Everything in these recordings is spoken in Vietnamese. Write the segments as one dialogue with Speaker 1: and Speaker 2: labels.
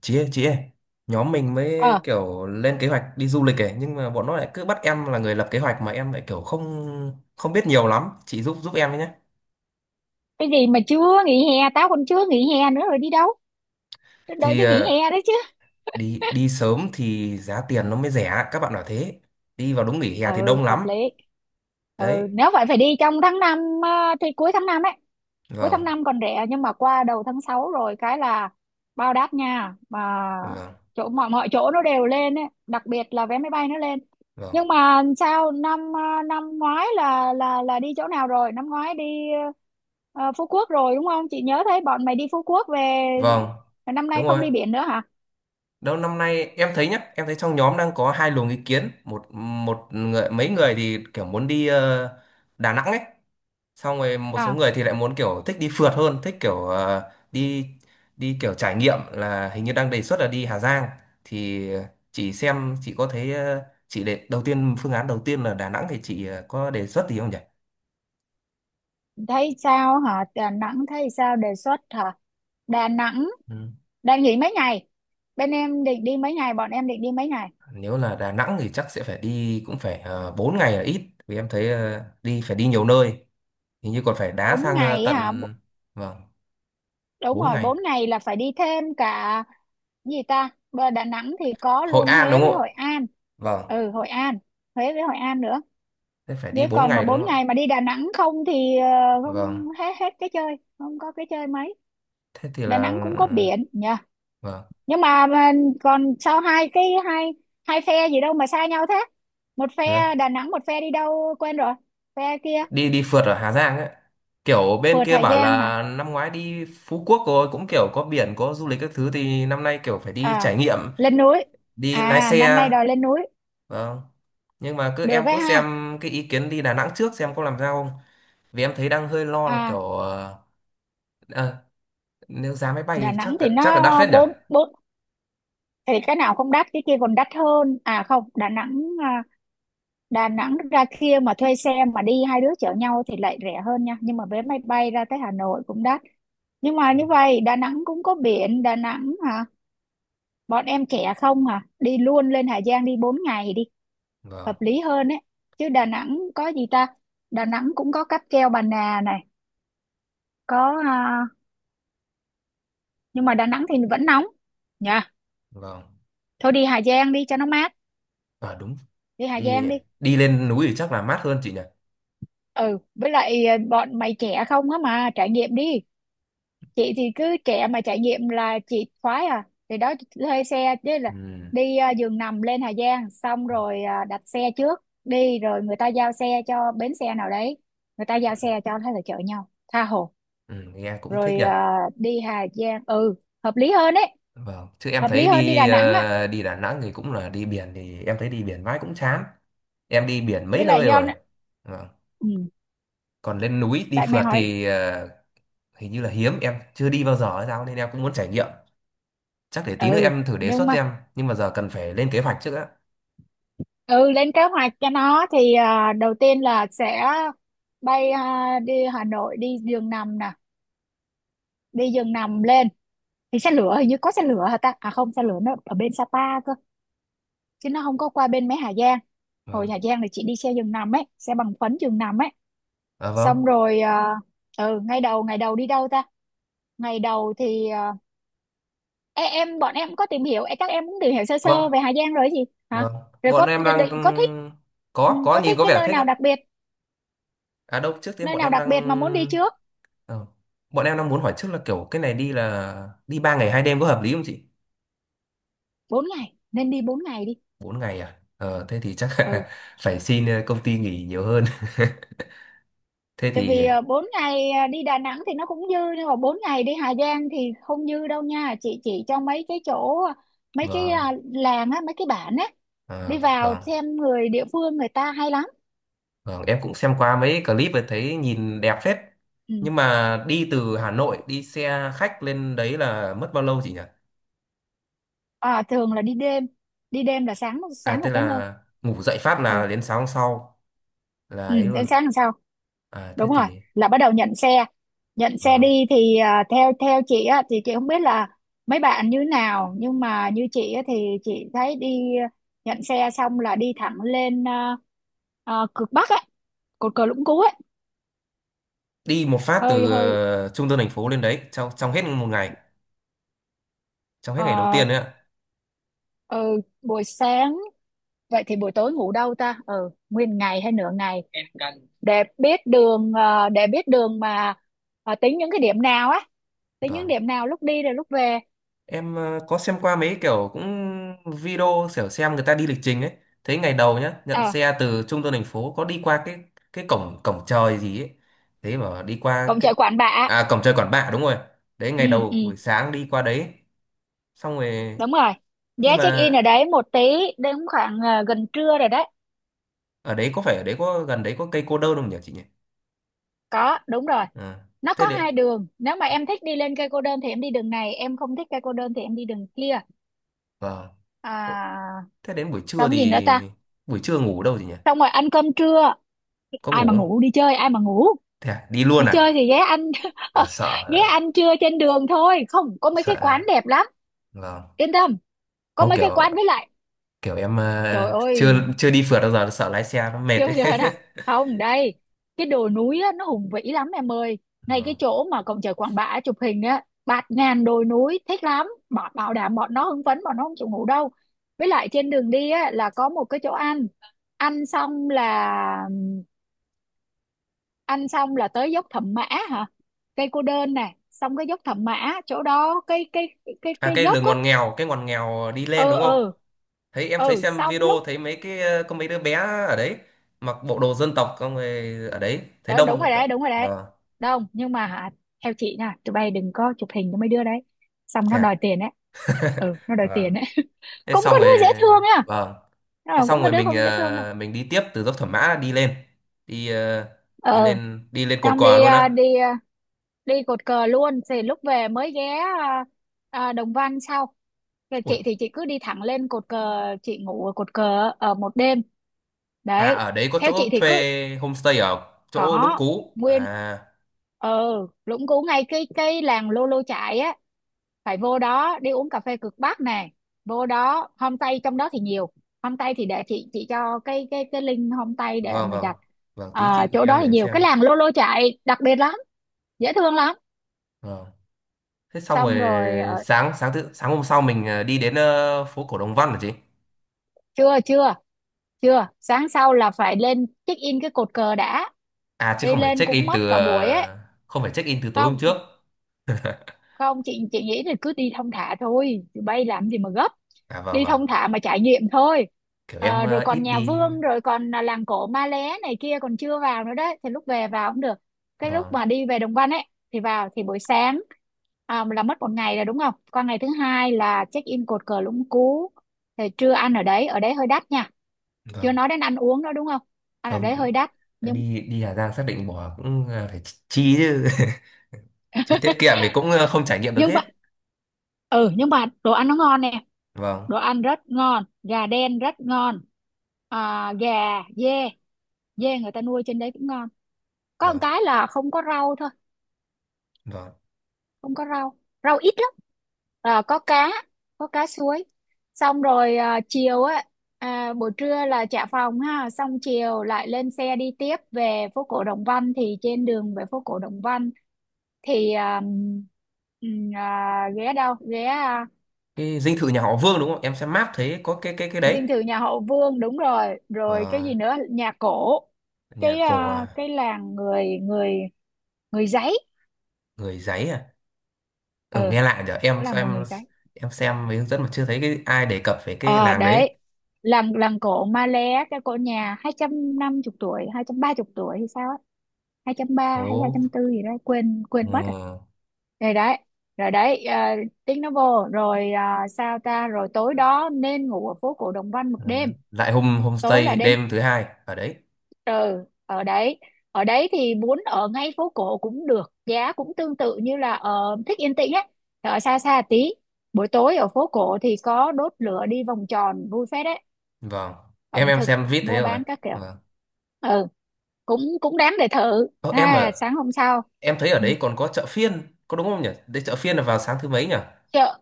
Speaker 1: Chị ơi, chị ơi, nhóm mình mới
Speaker 2: ờ
Speaker 1: kiểu lên kế hoạch đi du lịch ấy, nhưng mà bọn nó lại cứ bắt em là người lập kế hoạch mà em lại kiểu không không biết nhiều lắm, chị giúp giúp em với nhé.
Speaker 2: cái gì mà chưa nghỉ hè, tao còn chưa nghỉ hè nữa rồi đi đâu? Tao đợi
Speaker 1: Thì
Speaker 2: tới nghỉ hè đấy chứ.
Speaker 1: đi đi sớm thì giá tiền nó mới rẻ, các bạn bảo thế. Đi vào đúng nghỉ hè thì
Speaker 2: Ừ,
Speaker 1: đông
Speaker 2: hợp
Speaker 1: lắm.
Speaker 2: lý. Ừ,
Speaker 1: Đấy.
Speaker 2: nếu vậy phải đi trong tháng năm. Thì cuối tháng năm ấy. Cuối tháng
Speaker 1: Vâng.
Speaker 2: năm còn rẻ, nhưng mà qua đầu tháng 6 rồi cái là bao đắt nha. Mà
Speaker 1: Vâng.
Speaker 2: chỗ mọi mọi chỗ nó đều lên ấy, đặc biệt là vé máy bay nó lên.
Speaker 1: Vâng.
Speaker 2: Nhưng mà sao năm năm ngoái là đi chỗ nào rồi? Năm ngoái đi ờ, Phú Quốc rồi đúng không? Chị nhớ thấy bọn mày đi Phú Quốc về.
Speaker 1: Vâng.
Speaker 2: Năm
Speaker 1: Đúng
Speaker 2: nay
Speaker 1: rồi.
Speaker 2: không đi biển nữa hả?
Speaker 1: Đâu, năm nay em thấy nhá, em thấy trong nhóm đang có hai luồng ý kiến. Một một người, mấy người thì kiểu muốn đi Đà Nẵng ấy. Xong rồi một số
Speaker 2: À,
Speaker 1: người thì lại muốn kiểu thích đi phượt hơn, thích kiểu đi đi kiểu trải nghiệm, là hình như đang đề xuất là đi Hà Giang. Thì chị xem, chị có thấy chị để đầu tiên, phương án đầu tiên là Đà Nẵng thì chị có đề xuất gì không nhỉ?
Speaker 2: thấy sao hả? Đà Nẵng thấy sao, đề xuất hả? Đà Nẵng
Speaker 1: Ừ.
Speaker 2: đang nghỉ mấy ngày? Bên em định đi mấy ngày? Bọn em định đi mấy ngày?
Speaker 1: Nếu là Đà Nẵng thì chắc sẽ phải đi, cũng phải 4 ngày là ít. Vì em thấy đi phải đi nhiều nơi, hình như còn phải đá
Speaker 2: Bốn
Speaker 1: sang
Speaker 2: ngày hả?
Speaker 1: tận. Vâng.
Speaker 2: Đúng
Speaker 1: 4
Speaker 2: rồi,
Speaker 1: ngày.
Speaker 2: bốn ngày là phải đi thêm cả gì ta? Bờ Đà Nẵng thì có
Speaker 1: Hội
Speaker 2: luôn
Speaker 1: An
Speaker 2: Huế
Speaker 1: đúng
Speaker 2: với
Speaker 1: không ạ?
Speaker 2: Hội An.
Speaker 1: Vâng.
Speaker 2: Ừ, Hội An, Huế với Hội An nữa.
Speaker 1: Thế phải đi
Speaker 2: Nếu
Speaker 1: 4
Speaker 2: còn mà
Speaker 1: ngày đúng
Speaker 2: bốn
Speaker 1: không ạ?
Speaker 2: ngày mà đi Đà Nẵng không thì không
Speaker 1: Vâng.
Speaker 2: hết hết cái chơi, không có cái chơi mấy.
Speaker 1: Thế thì
Speaker 2: Đà Nẵng
Speaker 1: là
Speaker 2: cũng có biển nhỉ?
Speaker 1: ờ, vâng.
Speaker 2: Nhưng mà, còn sao hai cái hai hai phe gì đâu mà xa nhau thế? Một
Speaker 1: Dạ.
Speaker 2: phe Đà Nẵng, một phe đi đâu quên rồi, phe kia.
Speaker 1: đi đi phượt ở Hà Giang ấy. Kiểu bên
Speaker 2: Phượt
Speaker 1: kia
Speaker 2: Hà
Speaker 1: bảo
Speaker 2: Giang hả?
Speaker 1: là năm ngoái đi Phú Quốc rồi, cũng kiểu có biển có du lịch các thứ, thì năm nay kiểu phải đi
Speaker 2: À,
Speaker 1: trải nghiệm,
Speaker 2: lên núi.
Speaker 1: đi lái
Speaker 2: À năm
Speaker 1: xe.
Speaker 2: nay đòi lên núi.
Speaker 1: Vâng. Nhưng mà cứ em
Speaker 2: Được ấy
Speaker 1: cứ
Speaker 2: ha.
Speaker 1: xem cái ý kiến đi Đà Nẵng trước xem có làm sao không. Vì em thấy đang hơi lo là kiểu
Speaker 2: À
Speaker 1: ờ, nếu giá máy
Speaker 2: Đà
Speaker 1: bay chắc,
Speaker 2: Nẵng thì
Speaker 1: chắc là đắt
Speaker 2: nó
Speaker 1: phết nhỉ.
Speaker 2: bốn bốn. Thì cái nào không đắt cái kia còn đắt hơn. À không Đà Nẵng Đà Nẵng ra kia mà thuê xe mà đi, hai đứa chở nhau thì lại rẻ hơn nha, nhưng mà vé máy bay ra tới Hà Nội cũng đắt. Nhưng mà như vậy Đà Nẵng cũng có biển, Đà Nẵng hả. Bọn em trẻ không à, đi luôn lên Hà Giang đi 4 ngày đi,
Speaker 1: Vâng.
Speaker 2: hợp lý hơn ấy. Chứ Đà Nẵng có gì ta? Đà Nẵng cũng có cáp treo Bà Nà này, có nhưng mà Đà Nẵng thì vẫn nóng nha.
Speaker 1: Vâng.
Speaker 2: Thôi đi Hà Giang đi cho nó mát.
Speaker 1: À đúng.
Speaker 2: Đi Hà
Speaker 1: đi
Speaker 2: Giang đi.
Speaker 1: đi lên núi thì chắc là mát hơn chị nhỉ.
Speaker 2: Ừ, với lại bọn mày trẻ không á, mà trải nghiệm đi. Chị thì cứ trẻ mà trải nghiệm là chị khoái. À thì đó, thuê xe chứ là
Speaker 1: Ừ.
Speaker 2: đi giường nằm lên Hà Giang, xong rồi đặt xe trước đi, rồi người ta giao xe cho bến xe nào đấy, người ta giao xe cho, thế là chở nhau tha hồ.
Speaker 1: Ừ, nghe cũng thích
Speaker 2: Rồi
Speaker 1: nhỉ.
Speaker 2: đi Hà Giang, ừ, hợp lý hơn đấy,
Speaker 1: Vâng, chứ em
Speaker 2: hợp lý
Speaker 1: thấy
Speaker 2: hơn đi
Speaker 1: đi
Speaker 2: Đà Nẵng á.
Speaker 1: đi Đà Nẵng thì cũng là đi biển, thì em thấy đi biển mãi cũng chán. Em đi biển
Speaker 2: Với
Speaker 1: mấy
Speaker 2: lại
Speaker 1: nơi
Speaker 2: do
Speaker 1: rồi. Vâng.
Speaker 2: ừ,
Speaker 1: Còn lên núi đi
Speaker 2: tại mày
Speaker 1: phượt
Speaker 2: hỏi.
Speaker 1: thì hình như là hiếm, em chưa đi bao giờ hay sao nên em cũng muốn trải nghiệm. Chắc để tí nữa
Speaker 2: Ừ
Speaker 1: em thử đề
Speaker 2: nhưng
Speaker 1: xuất xem,
Speaker 2: mà
Speaker 1: nhưng mà giờ cần phải lên kế hoạch trước á.
Speaker 2: ừ lên kế hoạch cho nó thì đầu tiên là sẽ bay đi Hà Nội, đi giường nằm nè, đi giường nằm lên. Thì xe lửa hình như có xe lửa hả ta? À không, xe lửa nó ở bên Sapa cơ, chứ nó không có qua bên mấy Hà Giang. Hồi
Speaker 1: Vâng.
Speaker 2: Hà Giang thì chị đi xe giường nằm ấy, xe bằng phấn giường nằm ấy.
Speaker 1: À
Speaker 2: Xong
Speaker 1: vâng,
Speaker 2: rồi ừ, ngày đầu đi đâu ta? Ngày đầu thì bọn em có tìm hiểu, các em cũng tìm hiểu sơ sơ
Speaker 1: vâng,
Speaker 2: về Hà Giang rồi gì hả?
Speaker 1: vâng.
Speaker 2: Rồi
Speaker 1: Bọn
Speaker 2: có
Speaker 1: em
Speaker 2: định
Speaker 1: đang ừ,
Speaker 2: định- có thích, ừ,
Speaker 1: có
Speaker 2: có
Speaker 1: nhìn,
Speaker 2: thích
Speaker 1: có
Speaker 2: cái
Speaker 1: vẻ
Speaker 2: nơi
Speaker 1: thích
Speaker 2: nào
Speaker 1: ấy.
Speaker 2: đặc biệt,
Speaker 1: À đâu, trước tiên
Speaker 2: nơi
Speaker 1: bọn
Speaker 2: nào
Speaker 1: em
Speaker 2: đặc biệt mà muốn đi
Speaker 1: đang,
Speaker 2: trước.
Speaker 1: ờ, muốn hỏi trước là kiểu cái này đi là đi 3 ngày 2 đêm có hợp lý không chị?
Speaker 2: Bốn ngày, nên đi bốn ngày đi.
Speaker 1: 4 ngày à? Ờ, thế thì chắc
Speaker 2: Ừ
Speaker 1: là phải xin công ty nghỉ nhiều hơn. Thế
Speaker 2: tại
Speaker 1: thì
Speaker 2: vì bốn ngày đi Đà Nẵng thì nó cũng dư, nhưng mà bốn ngày đi Hà Giang thì không dư đâu nha. Chị chỉ cho mấy cái chỗ, mấy cái
Speaker 1: vâng,
Speaker 2: làng á, mấy cái bản á, đi
Speaker 1: ờ,
Speaker 2: vào
Speaker 1: vâng,
Speaker 2: xem người địa phương, người ta hay lắm.
Speaker 1: vâng, em cũng xem qua mấy clip và thấy nhìn đẹp phết.
Speaker 2: Ừ.
Speaker 1: Nhưng mà đi từ Hà Nội đi xe khách lên đấy là mất bao lâu chị nhỉ?
Speaker 2: À, thường là đi đêm, đi đêm là sáng
Speaker 1: À
Speaker 2: sáng là
Speaker 1: tức
Speaker 2: tới nơi.
Speaker 1: là ngủ dậy phát
Speaker 2: Ờ.
Speaker 1: là đến sáng hôm sau là
Speaker 2: Ừ,
Speaker 1: ấy
Speaker 2: đến
Speaker 1: luôn.
Speaker 2: sáng làm sao,
Speaker 1: À thế
Speaker 2: đúng rồi,
Speaker 1: thì
Speaker 2: là bắt đầu nhận xe. Nhận xe
Speaker 1: vâng.
Speaker 2: đi thì theo theo chị á thì chị không biết là mấy bạn như nào, nhưng mà như chị á, thì chị thấy đi nhận xe xong là đi thẳng lên cực Bắc á, cột cờ Lũng Cú ấy.
Speaker 1: Đi một phát
Speaker 2: Hơi
Speaker 1: từ
Speaker 2: hơi
Speaker 1: trung tâm thành phố lên đấy trong trong hết một ngày, trong hết ngày đầu
Speaker 2: ờ,
Speaker 1: tiên đấy ạ.
Speaker 2: ờ, Buổi sáng, vậy thì buổi tối ngủ đâu ta? Ừ, nguyên ngày hay nửa ngày, để biết đường để biết đường mà tính những cái điểm nào á, tính những
Speaker 1: Vâng.
Speaker 2: điểm nào lúc đi rồi lúc về.
Speaker 1: Em có xem qua mấy kiểu cũng video, kiểu xem người ta đi lịch trình ấy. Thấy ngày đầu nhá, nhận
Speaker 2: Ờ.
Speaker 1: xe từ trung tâm thành phố có đi qua cái cổng cổng trời gì ấy. Thế mà đi qua
Speaker 2: Cổng
Speaker 1: cái,
Speaker 2: chợ Quản Bạ.
Speaker 1: à cổng trời Quản Bạ đúng rồi. Đấy
Speaker 2: Ừ.
Speaker 1: ngày
Speaker 2: Ừ.
Speaker 1: đầu buổi sáng đi qua đấy. Xong rồi
Speaker 2: Đúng rồi,
Speaker 1: nhưng
Speaker 2: giá check in
Speaker 1: mà
Speaker 2: ở đấy một tí, đến khoảng gần trưa rồi đấy.
Speaker 1: ở đấy, có phải ở đấy có gần đấy có cây cô đơn không nhỉ chị nhỉ?
Speaker 2: Có, đúng rồi,
Speaker 1: Ờ.
Speaker 2: nó có
Speaker 1: Thế đến,
Speaker 2: hai đường, nếu mà em thích đi lên cây cô đơn thì em đi đường này, em không thích cây cô đơn thì em đi đường kia.
Speaker 1: vâng.
Speaker 2: À,
Speaker 1: Ồ, thế đến buổi trưa
Speaker 2: xong gì nữa
Speaker 1: thì
Speaker 2: ta?
Speaker 1: buổi trưa ngủ đâu chị nhỉ?
Speaker 2: Xong rồi ăn cơm trưa.
Speaker 1: Có
Speaker 2: Ai
Speaker 1: ngủ
Speaker 2: mà
Speaker 1: không?
Speaker 2: ngủ, đi chơi ai mà ngủ.
Speaker 1: Thế à, đi luôn
Speaker 2: Đi chơi
Speaker 1: à?
Speaker 2: thì ghé ăn.
Speaker 1: Ờ,
Speaker 2: Ghé ăn trưa trên đường thôi, không có mấy
Speaker 1: Sợ
Speaker 2: cái quán
Speaker 1: ờ,
Speaker 2: đẹp lắm,
Speaker 1: vâng.
Speaker 2: yên tâm, có
Speaker 1: Không
Speaker 2: mấy cái
Speaker 1: kiểu,
Speaker 2: quán. Với lại,
Speaker 1: kiểu em
Speaker 2: trời
Speaker 1: à,
Speaker 2: ơi,
Speaker 1: chưa chưa đi phượt bao giờ sợ lái xe nó mệt
Speaker 2: chưa
Speaker 1: ấy.
Speaker 2: chưa nè, không đây. Cái đồi núi á, nó hùng vĩ lắm em ơi. Ngay cái
Speaker 1: Vâng.
Speaker 2: chỗ mà cổng trời Quản Bạ chụp hình á, bạt ngàn đồi núi thích lắm, bảo, bảo đảm bọn nó hưng phấn, bọn nó không chịu ngủ đâu. Với lại trên đường đi á là có một cái chỗ ăn. ăn xong là Ăn xong là tới dốc Thẩm Mã hả. Cây cô đơn nè, xong cái dốc Thẩm Mã. Chỗ đó
Speaker 1: À
Speaker 2: cái
Speaker 1: cái
Speaker 2: dốc
Speaker 1: đường
Speaker 2: á.
Speaker 1: ngoằn nghèo, cái ngoằn nghèo đi lên
Speaker 2: Ừ
Speaker 1: đúng không?
Speaker 2: ừ.
Speaker 1: Thấy em thấy
Speaker 2: Ừ
Speaker 1: xem
Speaker 2: xong
Speaker 1: video
Speaker 2: lúc
Speaker 1: thấy mấy cái có mấy đứa bé ở đấy mặc bộ đồ dân tộc, con người ở đấy thấy
Speaker 2: đó, đúng rồi
Speaker 1: đông.
Speaker 2: đấy, đúng rồi đấy.
Speaker 1: Vâng.
Speaker 2: Đúng, nhưng mà hả, theo chị nha, tụi bay đừng có chụp hình cho mấy đứa đấy, xong
Speaker 1: Thế
Speaker 2: nó
Speaker 1: à?
Speaker 2: đòi tiền đấy. Ừ nó đòi
Speaker 1: Vâng.
Speaker 2: tiền đấy.
Speaker 1: Thế
Speaker 2: Cũng
Speaker 1: xong
Speaker 2: có
Speaker 1: rồi,
Speaker 2: đứa dễ thương nha.
Speaker 1: vâng. Thế
Speaker 2: Ờ,
Speaker 1: xong
Speaker 2: cũng có
Speaker 1: rồi
Speaker 2: đứa
Speaker 1: mình
Speaker 2: không dễ thương đâu.
Speaker 1: ờ, mình đi tiếp từ dốc Thẩm Mã đi lên. Đi ờ, đi
Speaker 2: Ờ
Speaker 1: lên đi lên cột
Speaker 2: xong
Speaker 1: cờ
Speaker 2: đi
Speaker 1: luôn á.
Speaker 2: đi cột cờ luôn thì lúc về mới ghé Đồng Văn sau. Rồi
Speaker 1: Ui,
Speaker 2: chị thì chị cứ đi thẳng lên cột cờ, chị ngủ ở cột cờ ở một đêm
Speaker 1: à
Speaker 2: đấy.
Speaker 1: ở đấy có
Speaker 2: Theo chị
Speaker 1: chỗ
Speaker 2: thì cứ
Speaker 1: thuê homestay ở chỗ Lũng
Speaker 2: có
Speaker 1: Cú.
Speaker 2: nguyên
Speaker 1: À
Speaker 2: ờ, Lũng Cú, ngay cái làng Lô Lô Chại á, phải vô đó đi uống cà phê cực Bắc nè, vô đó homestay trong đó thì nhiều. Homestay thì để chị cho cái link homestay để
Speaker 1: vâng,
Speaker 2: mày
Speaker 1: vâng,
Speaker 2: đặt.
Speaker 1: vâng, tí
Speaker 2: À,
Speaker 1: chị gửi
Speaker 2: chỗ
Speaker 1: em
Speaker 2: đó
Speaker 1: để
Speaker 2: thì
Speaker 1: em
Speaker 2: nhiều,
Speaker 1: xem.
Speaker 2: cái làng Lô Lô Chại đặc biệt lắm, dễ thương lắm.
Speaker 1: Vâng, thế xong rồi
Speaker 2: Xong rồi
Speaker 1: sáng sáng thứ sáng hôm sau mình đi đến phố cổ Đồng Văn hả chị?
Speaker 2: chưa chưa chưa, sáng sau là phải lên check in cái cột cờ đã,
Speaker 1: À chứ
Speaker 2: đi
Speaker 1: không phải
Speaker 2: lên
Speaker 1: check in
Speaker 2: cũng
Speaker 1: từ
Speaker 2: mất cả buổi ấy.
Speaker 1: không phải check in từ tối hôm
Speaker 2: Không
Speaker 1: trước
Speaker 2: không, chị chị nghĩ là cứ đi thong thả thôi, bay làm gì mà gấp,
Speaker 1: à? Vâng.
Speaker 2: đi
Speaker 1: Vâng.
Speaker 2: thong thả mà trải nghiệm thôi.
Speaker 1: Kiểu em
Speaker 2: Ờ, rồi
Speaker 1: ít
Speaker 2: còn nhà
Speaker 1: đi.
Speaker 2: Vương, rồi còn là làng cổ Ma Lé này kia còn chưa vào nữa đấy, thì lúc về vào cũng được, cái lúc
Speaker 1: Vâng.
Speaker 2: mà đi về Đồng Văn ấy thì vào thì buổi sáng. À, là mất một ngày rồi đúng không, qua ngày thứ hai là check in cột cờ Lũng Cú, thì trưa ăn ở đấy, ở đấy hơi đắt nha. Chưa
Speaker 1: Vâng.
Speaker 2: nói đến ăn uống nữa đúng không, ăn ở
Speaker 1: Không,
Speaker 2: đấy hơi đắt. nhưng
Speaker 1: đi, đi Hà Giang xác định bỏ cũng phải chi chứ. Chứ tiết kiệm thì cũng không trải nghiệm được
Speaker 2: nhưng
Speaker 1: hết.
Speaker 2: mà ừ, nhưng mà đồ ăn nó ngon nè,
Speaker 1: Vâng.
Speaker 2: đồ ăn rất ngon, gà đen rất ngon. À, dê, dê người ta nuôi trên đấy cũng ngon. Có một
Speaker 1: Vâng.
Speaker 2: cái là không có rau thôi,
Speaker 1: Vâng,
Speaker 2: không có rau, rau ít lắm. À, có cá, có cá suối. Xong rồi chiều á, buổi trưa là trả phòng ha, xong chiều lại lên xe đi tiếp về phố cổ Đồng Văn, thì trên đường về phố cổ Đồng Văn thì ghé đâu ghé
Speaker 1: cái dinh thự nhà họ Vương đúng không, em xem map thấy có cái đấy.
Speaker 2: dinh thự nhà họ Vương, đúng rồi. Rồi cái
Speaker 1: Vâng.
Speaker 2: gì nữa, nhà cổ,
Speaker 1: Nhà
Speaker 2: cái
Speaker 1: cổ à?
Speaker 2: cái làng người người người giấy.
Speaker 1: Người giấy à? Ừ,
Speaker 2: Ừ,
Speaker 1: nghe lạ nhở,
Speaker 2: đó
Speaker 1: em
Speaker 2: là của
Speaker 1: xem,
Speaker 2: người giấy.
Speaker 1: em xem mấy hướng dẫn mà chưa thấy cái ai đề cập về cái
Speaker 2: Ờ
Speaker 1: làng đấy.
Speaker 2: đấy, làng làng cổ Malé, cái cổ nhà 250 tuổi, 230 tuổi hay sao á, hai trăm ba hay
Speaker 1: Phố.
Speaker 2: 204 gì đó, quên quên mất rồi.
Speaker 1: Ừ.
Speaker 2: Rồi đấy, rồi đấy, tiếng nó vô rồi, à sao ta, rồi tối đó nên ngủ ở phố cổ Đồng Văn một
Speaker 1: Ừ.
Speaker 2: đêm.
Speaker 1: Lại hôm
Speaker 2: Tối là
Speaker 1: homestay
Speaker 2: đến,
Speaker 1: đêm thứ hai ở đấy.
Speaker 2: ừ ở đấy, ở đấy thì muốn ở ngay phố cổ cũng được, giá cũng tương tự, như là ở thích yên tĩnh á, ở xa xa tí. Buổi tối ở phố cổ thì có đốt lửa đi vòng tròn vui phết đấy,
Speaker 1: Vâng, em
Speaker 2: ẩm
Speaker 1: em
Speaker 2: thực
Speaker 1: xem vít thấy
Speaker 2: mua
Speaker 1: rồi.
Speaker 2: bán các kiểu.
Speaker 1: Vâng.
Speaker 2: Ừ, cũng cũng đáng để thử.
Speaker 1: Ơ, em
Speaker 2: À
Speaker 1: ở,
Speaker 2: sáng hôm sau.
Speaker 1: em thấy ở
Speaker 2: Ừ.
Speaker 1: đấy còn có chợ phiên có đúng không nhỉ, đấy chợ phiên là vào sáng thứ mấy nhỉ?
Speaker 2: chợ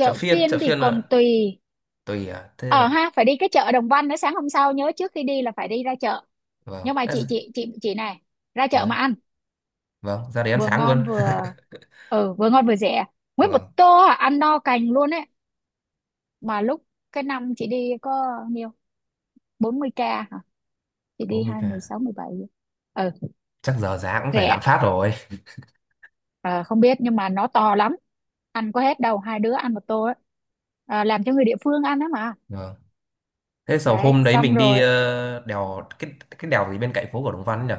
Speaker 1: Chợ phiên,
Speaker 2: phiên
Speaker 1: chợ
Speaker 2: thì
Speaker 1: phiên
Speaker 2: còn
Speaker 1: là
Speaker 2: tùy.
Speaker 1: tùy à, thế
Speaker 2: Ờ
Speaker 1: là
Speaker 2: Ha, phải đi cái chợ Đồng Văn nữa. Sáng hôm sau nhớ trước khi đi là phải đi ra chợ.
Speaker 1: vâng.
Speaker 2: Nhưng mà
Speaker 1: Ê,
Speaker 2: chị này, ra chợ mà
Speaker 1: dạ,
Speaker 2: ăn
Speaker 1: vâng ra đấy ăn
Speaker 2: vừa
Speaker 1: sáng luôn.
Speaker 2: ngon vừa vừa ngon vừa rẻ. Nguyên một
Speaker 1: Vâng,
Speaker 2: tô, à, ăn no cành luôn ấy. Mà lúc Cái năm chị đi có nhiêu 40k hả? Chị
Speaker 1: bố
Speaker 2: đi
Speaker 1: mình
Speaker 2: hai mười
Speaker 1: à,
Speaker 2: sáu, mười bảy. Ừ,
Speaker 1: chắc giờ giá cũng phải lạm
Speaker 2: rẻ.
Speaker 1: phát rồi.
Speaker 2: Ờ, Không biết nhưng mà nó to lắm, ăn có hết đâu, hai đứa ăn một tô ấy. Làm cho người địa phương ăn đó mà.
Speaker 1: Vâng. Thế sau
Speaker 2: Đấy,
Speaker 1: hôm đấy
Speaker 2: xong
Speaker 1: mình đi
Speaker 2: rồi.
Speaker 1: đèo cái đèo gì bên cạnh phố của Đồng Văn nhỉ?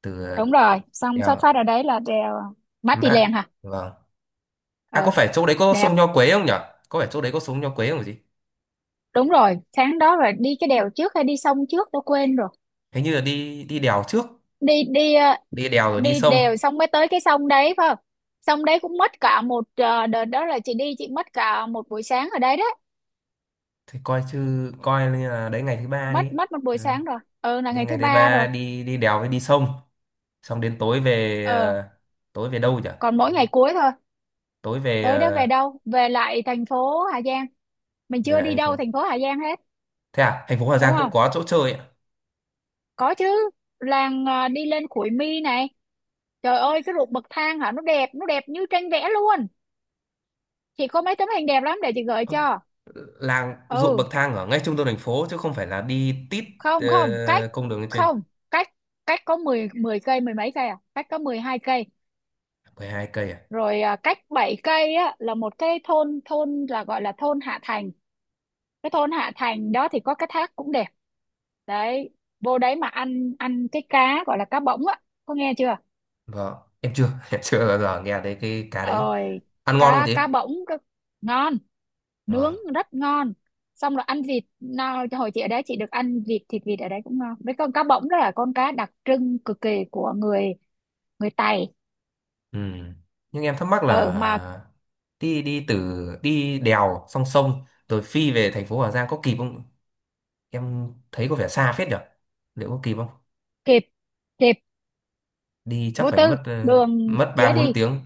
Speaker 1: Từ
Speaker 2: Đúng rồi, xong xuất
Speaker 1: đèo
Speaker 2: phát ở đấy là đèo Mã
Speaker 1: Kim
Speaker 2: Pì
Speaker 1: Mã.
Speaker 2: Lèng hả?
Speaker 1: Vâng. À có
Speaker 2: Ừ,
Speaker 1: phải chỗ đấy có
Speaker 2: đẹp.
Speaker 1: sông Nho Quế không nhỉ? Có phải chỗ đấy có sông Nho Quế không gì?
Speaker 2: Đúng rồi, sáng đó là đi cái đèo trước hay đi sông trước tôi quên rồi.
Speaker 1: Hình như là đi đi đèo trước,
Speaker 2: Đi đi ờ,
Speaker 1: đi đèo rồi đi
Speaker 2: Đi
Speaker 1: sông.
Speaker 2: đều xong mới tới cái sông đấy phải không? Sông đấy cũng mất cả một, đợt đó là chị đi, chị mất cả một buổi sáng ở đấy đấy.
Speaker 1: Thì coi chứ coi như là đấy ngày thứ ba đi.
Speaker 2: Mất mất một buổi
Speaker 1: Ừ.
Speaker 2: sáng rồi, ừ, là
Speaker 1: Đi
Speaker 2: ngày thứ
Speaker 1: ngày thứ
Speaker 2: ba rồi.
Speaker 1: ba đi đi đèo với đi sông, xong đến tối về
Speaker 2: ờ
Speaker 1: ờ, tối về đâu nhỉ?
Speaker 2: Còn mỗi
Speaker 1: Tối
Speaker 2: ngày cuối thôi.
Speaker 1: tối về
Speaker 2: Tối đó về
Speaker 1: ờ,
Speaker 2: đâu, về lại thành phố Hà Giang. Mình
Speaker 1: về
Speaker 2: chưa
Speaker 1: lại
Speaker 2: đi
Speaker 1: thành phố.
Speaker 2: đâu thành phố Hà Giang hết,
Speaker 1: Thế à, thành phố Hà
Speaker 2: đúng
Speaker 1: Giang cũng
Speaker 2: không?
Speaker 1: có chỗ chơi ạ.
Speaker 2: Có chứ. Làng, đi lên Khuổi Mi này, trời ơi, cái ruộng bậc thang hả, nó đẹp, nó đẹp như tranh vẽ luôn. Chị có mấy tấm hình đẹp lắm để chị gửi cho.
Speaker 1: Làng ruộng bậc
Speaker 2: Ừ,
Speaker 1: thang ở ngay trung tâm thành phố chứ không phải là đi tít
Speaker 2: không, không, cách
Speaker 1: ờ, công đường lên trên?
Speaker 2: không cách cách có 10 10 cây, mười mấy cây à, cách có 12 cây.
Speaker 1: 12 cây à?
Speaker 2: Rồi à, cách 7 cây á, là một cái thôn thôn là gọi là thôn Hạ Thành. Cái thôn Hạ Thành đó thì có cái thác cũng đẹp đấy. Vô đấy mà ăn, ăn cái cá gọi là cá bỗng á, có nghe chưa?
Speaker 1: Vâng, em chưa chưa bao giờ nghe thấy cái cá đấy.
Speaker 2: Ơi,
Speaker 1: Ăn ngon không
Speaker 2: cá
Speaker 1: chị?
Speaker 2: cá bỗng cá- ngon, nướng
Speaker 1: Vâng.
Speaker 2: rất ngon. Xong rồi ăn vịt nào, hồi chị ở đấy chị được ăn vịt, thịt vịt ở đấy cũng ngon, với con cá bỗng đó là con cá đặc trưng cực kỳ của người người Tày.
Speaker 1: Ừ. Nhưng em thắc mắc
Speaker 2: Ừ mà,
Speaker 1: là đi đi từ đi đèo sông rồi phi về thành phố Hà Giang có kịp không, em thấy có vẻ xa phết nhở, liệu có kịp không?
Speaker 2: kịp, kịp
Speaker 1: Đi chắc
Speaker 2: vô
Speaker 1: phải
Speaker 2: tư,
Speaker 1: mất ờ,
Speaker 2: đường
Speaker 1: mất ba
Speaker 2: dễ
Speaker 1: bốn
Speaker 2: đi.
Speaker 1: tiếng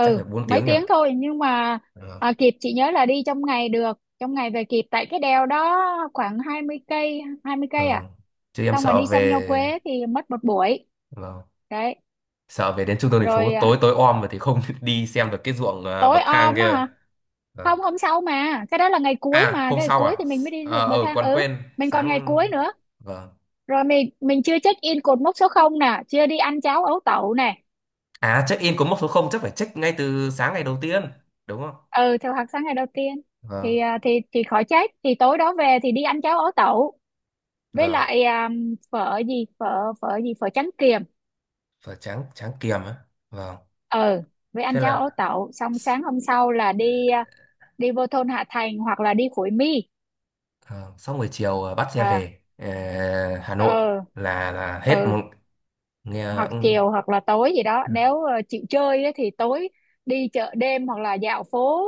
Speaker 1: chắc phải bốn
Speaker 2: mấy
Speaker 1: tiếng nhở.
Speaker 2: tiếng thôi, nhưng mà,
Speaker 1: Vâng.
Speaker 2: kịp. Chị nhớ là đi trong ngày được, trong ngày về kịp, tại cái đèo đó khoảng 20 cây, 20 cây à.
Speaker 1: Vâng. Chứ em
Speaker 2: Xong mà
Speaker 1: sợ
Speaker 2: đi xong Nho Quế
Speaker 1: về,
Speaker 2: thì mất một buổi,
Speaker 1: vâng,
Speaker 2: đấy.
Speaker 1: sợ về đến trung tâm thành phố
Speaker 2: Rồi à,
Speaker 1: tối tối om rồi thì không đi xem được cái ruộng, à
Speaker 2: tối
Speaker 1: bậc thang
Speaker 2: om á
Speaker 1: kia.
Speaker 2: hả?
Speaker 1: Vâng.
Speaker 2: Không, hôm sau, mà cái đó là ngày cuối,
Speaker 1: À
Speaker 2: mà
Speaker 1: hôm
Speaker 2: cái ngày
Speaker 1: sau
Speaker 2: cuối
Speaker 1: à.
Speaker 2: thì mình mới đi được
Speaker 1: Ờ,
Speaker 2: bậc
Speaker 1: ờ,
Speaker 2: thang,
Speaker 1: còn
Speaker 2: ừ.
Speaker 1: quên
Speaker 2: Mình còn ngày
Speaker 1: sáng.
Speaker 2: cuối nữa,
Speaker 1: Vâng.
Speaker 2: rồi mình chưa check in cột mốc số 0 nè, chưa đi ăn cháo ấu tẩu nè.
Speaker 1: À check in có mốc số không chắc phải check ngay từ sáng ngày đầu tiên đúng không?
Speaker 2: Ừ, theo hạt sáng ngày đầu tiên. thì
Speaker 1: Vâng.
Speaker 2: à, thì thì khỏi chết, thì tối đó về thì đi ăn cháo ấu tẩu. Với
Speaker 1: Vâng
Speaker 2: lại à, phở gì, phở phở gì, phở trắng kiềm.
Speaker 1: và tráng tráng kiềm á. Vâng.
Speaker 2: Ừ, với ăn
Speaker 1: Thế
Speaker 2: cháo ấu
Speaker 1: là
Speaker 2: tẩu xong sáng hôm sau là đi, đi vô thôn Hạ Thành hoặc là đi Khối Mi.
Speaker 1: ờ, sau buổi chiều, à bắt xe
Speaker 2: À,
Speaker 1: về Hà Nội,
Speaker 2: ừ
Speaker 1: là hết
Speaker 2: ừ,
Speaker 1: một, nghe.
Speaker 2: hoặc
Speaker 1: Ừ.
Speaker 2: chiều hoặc là tối gì đó, nếu chịu chơi ấy, thì tối đi chợ đêm hoặc là dạo phố,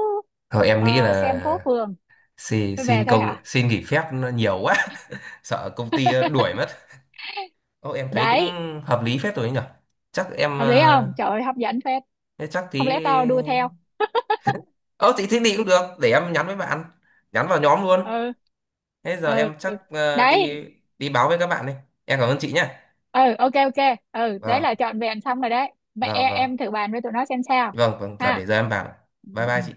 Speaker 1: Thôi em nghĩ
Speaker 2: xem phố
Speaker 1: là
Speaker 2: phường rồi về thôi hả?
Speaker 1: xin nghỉ phép nó nhiều quá. Sợ công ty đuổi mất. Ô, em thấy cũng
Speaker 2: Đấy,
Speaker 1: hợp lý phết rồi ấy nhở. Chắc em
Speaker 2: hợp lý không, trời ơi hấp dẫn phết.
Speaker 1: thế chắc tí.
Speaker 2: Không lẽ tao đua theo.
Speaker 1: Ờ thì thế đi cũng được. Để em nhắn với bạn. Nhắn vào nhóm luôn.
Speaker 2: Ừ
Speaker 1: Thế giờ
Speaker 2: ừ,
Speaker 1: em chắc
Speaker 2: đấy.
Speaker 1: đi đi báo với các bạn đi. Em cảm ơn chị nhé.
Speaker 2: Ừ, ok ok, ừ đấy là
Speaker 1: Vâng,
Speaker 2: trọn vẹn xong rồi đấy. Mẹ
Speaker 1: vâng, vâng.
Speaker 2: em thử bàn với tụi nó xem sao.
Speaker 1: Vâng, vâng, giờ
Speaker 2: Ha.
Speaker 1: để giờ em vào.
Speaker 2: Ừ.
Speaker 1: Bye bye chị.